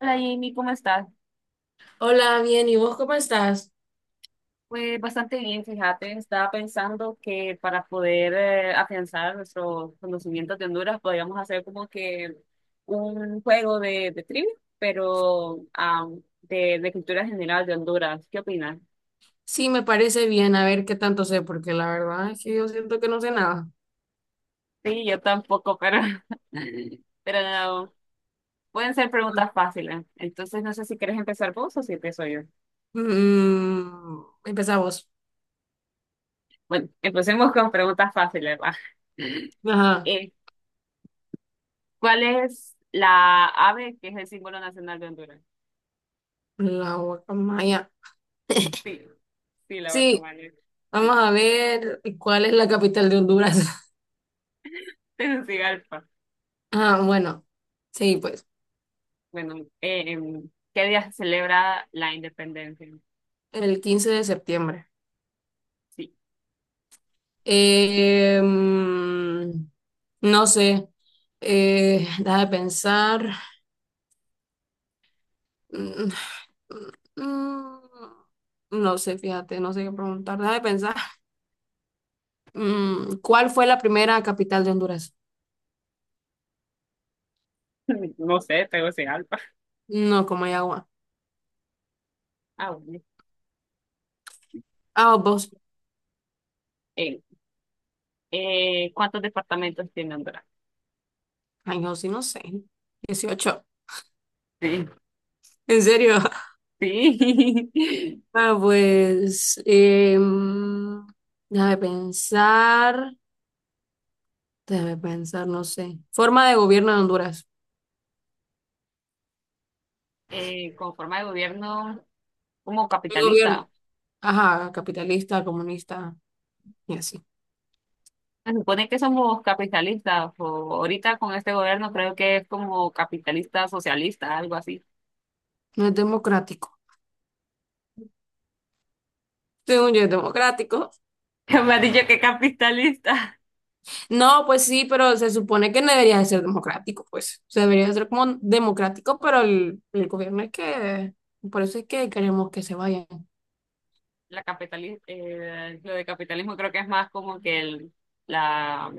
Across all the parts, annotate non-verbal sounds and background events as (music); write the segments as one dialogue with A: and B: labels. A: Hola Jamie, ¿cómo estás?
B: Hola, bien, ¿y vos cómo estás?
A: Pues bastante bien, fíjate, estaba pensando que para poder afianzar nuestros conocimientos de Honduras podríamos hacer como que un juego de trivia, pero de cultura general de Honduras. ¿Qué opinas?
B: Sí, me parece bien, a ver qué tanto sé, porque la verdad es que yo siento que no sé nada.
A: Sí, yo tampoco, pero, (laughs) pero no, pueden ser preguntas fáciles. Entonces no sé si quieres empezar vos o si empiezo yo.
B: Empezamos.
A: Bueno, empecemos con preguntas fáciles, va. (laughs)
B: Ajá,
A: Eh, ¿cuál es la ave que es el símbolo nacional de Honduras?
B: la guacamaya. (laughs)
A: Sí, sí, la
B: Sí,
A: guacamaya.
B: vamos
A: Sí,
B: a ver cuál es la capital de Honduras. (laughs)
A: (laughs) Tegucigalpa.
B: Ah, bueno, sí, pues,
A: Bueno, ¿qué día se celebra la independencia?
B: el 15 de septiembre.
A: Sí,
B: Eh, mm, no sé, déjame pensar. Mm, Mm, No sé, fíjate, no sé qué preguntar. Deja de pensar. ¿Cuál fue la primera capital de Honduras?
A: (laughs) no sé, Tegucigalpa.
B: No, Comayagua.
A: Ah, bueno.
B: Ah, vos.
A: Eh, ¿Cuántos departamentos tiene Honduras?
B: Ay, yo sí, no sé. 18.
A: Sí,
B: ¿En serio? (laughs)
A: sí. (laughs)
B: Ah, pues. Deja de pensar. Déjame pensar, no sé. Forma de gobierno de Honduras.
A: Con forma de gobierno como
B: El gobierno.
A: capitalista.
B: Ajá, capitalista, comunista y así.
A: Se supone que somos capitalistas, o ahorita con este gobierno creo que es como capitalista socialista, algo así.
B: No es democrático. Según yo, es democrático.
A: (laughs) Me ha dicho que capitalista.
B: No, pues sí, pero se supone que no debería de ser democrático, pues. O sea, debería de ser como democrático, pero el gobierno es que, por eso es que queremos que se vayan.
A: Lo de capitalismo creo que es más como que la,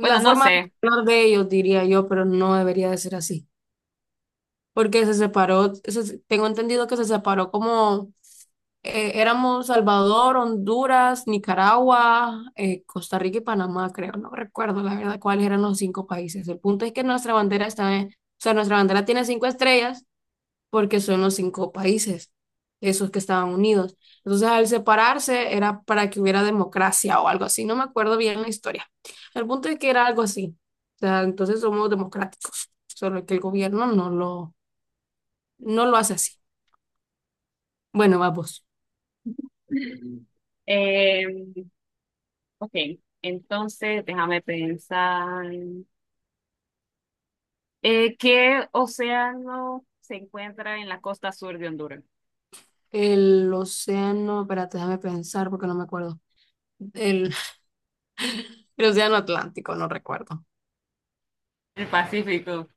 A: bueno, no
B: forma de
A: sé.
B: hablar de ellos, diría yo, pero no debería de ser así. Porque se separó, tengo entendido que se separó como éramos Salvador, Honduras, Nicaragua, Costa Rica y Panamá, creo. No recuerdo la verdad cuáles eran los cinco países. El punto es que nuestra bandera está en, o sea, nuestra bandera tiene cinco estrellas. Porque son los cinco países, esos que estaban unidos. Entonces, al separarse era para que hubiera democracia o algo así, no me acuerdo bien la historia. El punto es que era algo así. O sea, entonces somos democráticos, solo que el gobierno no lo hace así. Bueno, vamos.
A: Eh, ok, entonces déjame pensar. ¿Qué océano se encuentra en la costa sur de Honduras?
B: El océano, espérate, déjame pensar porque no me acuerdo. El, el océano Atlántico, no recuerdo.
A: El Pacífico.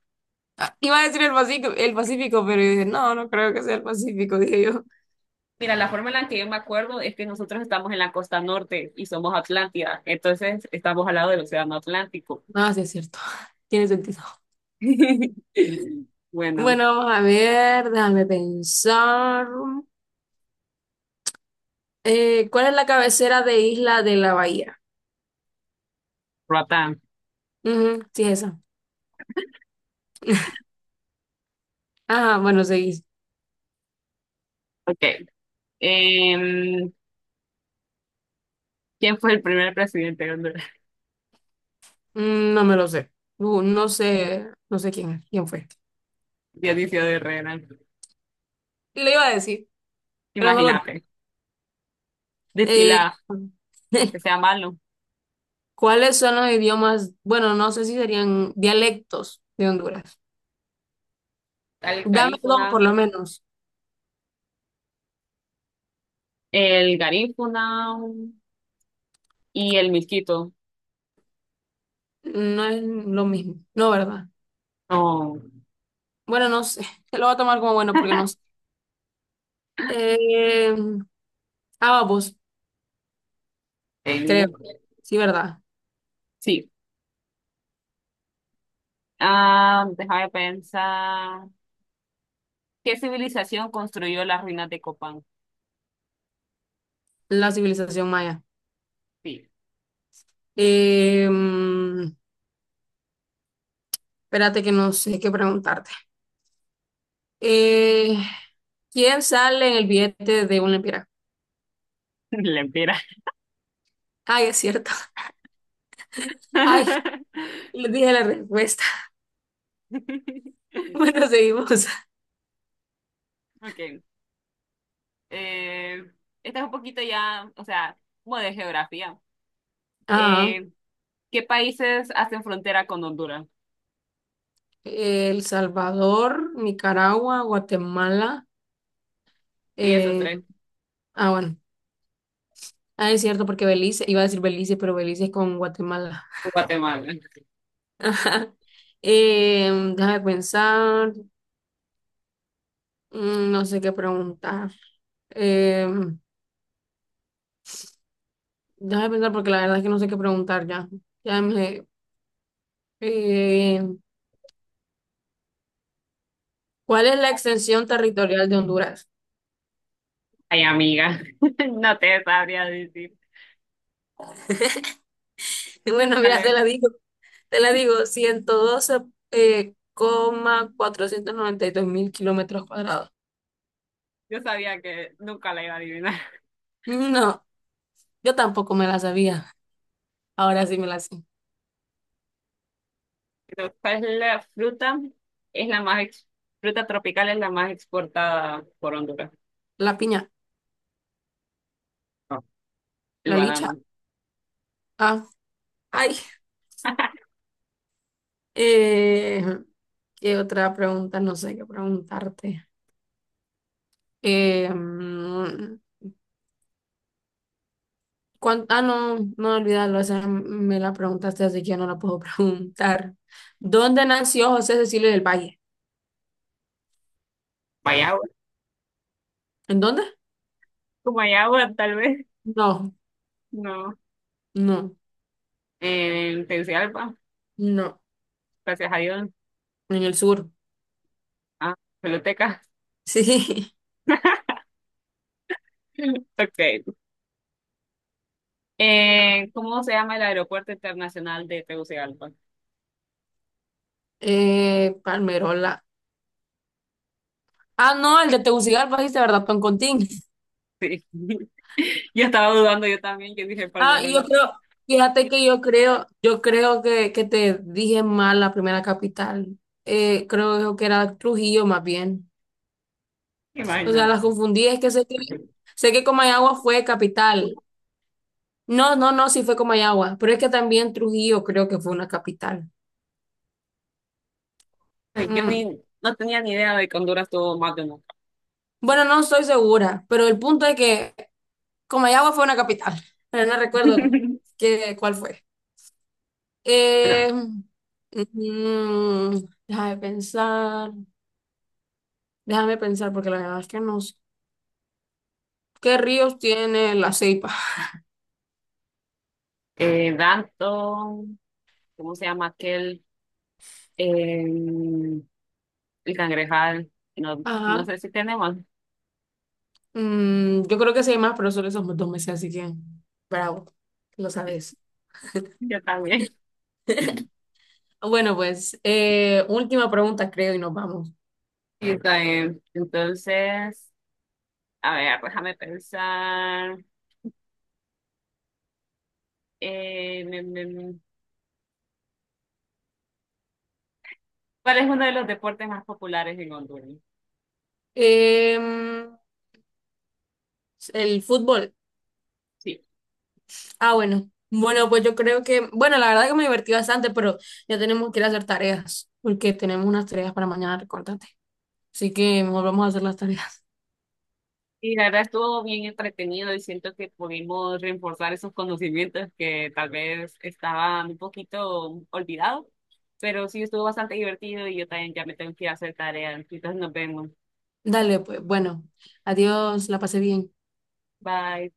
B: Ah, iba a decir el Pacífico, pero dije, no, no creo que sea el Pacífico, dije yo.
A: Mira, la forma en la que yo me acuerdo es que nosotros estamos en la costa norte y somos Atlántida, entonces estamos al lado del océano Atlántico.
B: Ah, sí, es cierto. (laughs) Tiene sentido.
A: (laughs) Bueno,
B: Bueno, vamos a ver, déjame pensar. ¿Cuál es la cabecera de Isla de la Bahía?
A: Roatán.
B: Ujú, sí, esa. Ajá, bueno, seguís.
A: Ok. Em, ¿Quién fue el primer presidente de Honduras? (laughs)
B: No me lo sé. No, no sé quién, es, quién fue.
A: Dionisio de Herrera.
B: Lo iba a decir, pero no lo dije.
A: Imagínate.
B: Eh,
A: Decila,
B: (laughs)
A: aunque sea malo.
B: ¿Cuáles son los idiomas? Bueno, no sé si serían dialectos de Honduras.
A: El
B: Dame dos,
A: Garífuna.
B: por lo menos.
A: El Garífuna y el Milquito.
B: No es lo mismo. No, ¿verdad?
A: No.
B: Bueno, no sé. (laughs) Lo voy a tomar como bueno porque no sé. Eh, ah, creo.
A: El-
B: Sí, ¿verdad?
A: Sí. Ah, déjame pensar. ¿Qué civilización construyó las ruinas de Copán?
B: La civilización maya.
A: Sí.
B: Eh, mm, Espérate que no sé qué preguntarte. Eh, ¿Quién sale en el billete de una lempira?
A: (laughs) Lempira.
B: Ay, es cierto. (laughs) Ay,
A: (laughs)
B: le dije la respuesta. (laughs) Bueno, seguimos.
A: Ok. Eh, esta es un poquito ya, o sea, como de geografía.
B: Ajá.
A: Eh, ¿Qué países hacen frontera con Honduras?
B: El Salvador, Nicaragua, Guatemala.
A: Sí, esos
B: eh,
A: tres.
B: ah, bueno. Ah, es cierto, porque Belice, iba a decir Belice, pero Belice es con Guatemala.
A: Guatemala.
B: (laughs) Ajá. Eh, Déjame pensar. No sé qué preguntar. Em, Déjame pensar porque la verdad es que no sé qué preguntar ya. Ya me, eh, ¿Cuál es la extensión territorial de Honduras? (laughs)
A: Ay, amiga, (laughs) no te sabría decir.
B: Bueno, mira, te
A: Vale,
B: la digo, te la digo, 112, coma 492.000 kilómetros cuadrados.
A: yo sabía que nunca la iba a adivinar.
B: No, yo tampoco me la sabía. Ahora sí me la sé.
A: Pero, ¿cuál es la fruta? Es la más ex- fruta tropical es la más exportada por Honduras.
B: La piña,
A: No, el
B: la licha.
A: banano.
B: Ah, ay,
A: (laughs)
B: eh, ¿qué otra pregunta? No sé qué preguntarte. Eh, mm, Ah, no, no olvidarlo, esa me la preguntaste, así que ya no la puedo (laughs) preguntar. ¿Dónde nació José Cecilio del Valle?
A: Guayaba.
B: ¿En dónde?
A: Guayaba, tal vez.
B: No,
A: No.
B: no,
A: En Tegucigalpa,
B: no,
A: gracias a Dios.
B: en el sur.
A: Ah, peloteca.
B: Sí,
A: (laughs) Ok. ¿Cómo se llama el aeropuerto internacional de Tegucigalpa?
B: (laughs) Palmerola. Ah, no, el de Tegucigalpa, dijiste, ¿verdad? Toncontín.
A: Sí. (laughs) Yo estaba dudando yo también, yo dije
B: Ah, y yo
A: Palmerola.
B: creo, fíjate que yo creo que te dije mal la primera capital. Creo que era Trujillo más bien. O sea, las
A: Imagínate.
B: confundí, es que sé que, sé que Comayagua fue capital. No, no, no, sí fue Comayagua, pero es que también Trujillo creo que fue una capital.
A: Yo
B: Mm.
A: ni, no tenía ni idea de que Honduras tuvo más de una. Sí.
B: Bueno, no estoy segura, pero el punto es que Comayagua fue una capital, (laughs) pero no recuerdo
A: (laughs)
B: cuál fue.
A: Bueno,
B: Eh, mm, déjame pensar, déjame pensar, porque la verdad es que no sé. ¿Qué ríos tiene la Ceipa?
A: Danton, ¿cómo se llama aquel? Eh, el cangrejal. No, no
B: Ajá.
A: sé si tenemos.
B: Yo creo que sí hay más, pero solo esos 2 meses, así que bravo, lo sabes.
A: Yo también. (laughs)
B: Bueno, pues última pregunta, creo, y nos vamos.
A: Y está bien. Entonces, a ver, déjame pensar. Eh, me- me- me- ¿Cuál es uno de los deportes más populares en Honduras?
B: Em, el fútbol.
A: Sí.
B: Ah, bueno. Bueno, pues yo creo que, bueno, la verdad que me divertí bastante, pero ya tenemos que ir a hacer tareas, porque tenemos unas tareas para mañana recortante. Así que mejor vamos a hacer las tareas.
A: Y la verdad estuvo bien entretenido y siento que pudimos reforzar esos conocimientos que tal vez estaban un poquito olvidados, pero sí estuvo bastante divertido y yo también ya me tengo que ir a hacer tarea. Entonces nos vemos.
B: (laughs) Dale, pues, bueno. Adiós, la pasé bien.
A: Bye.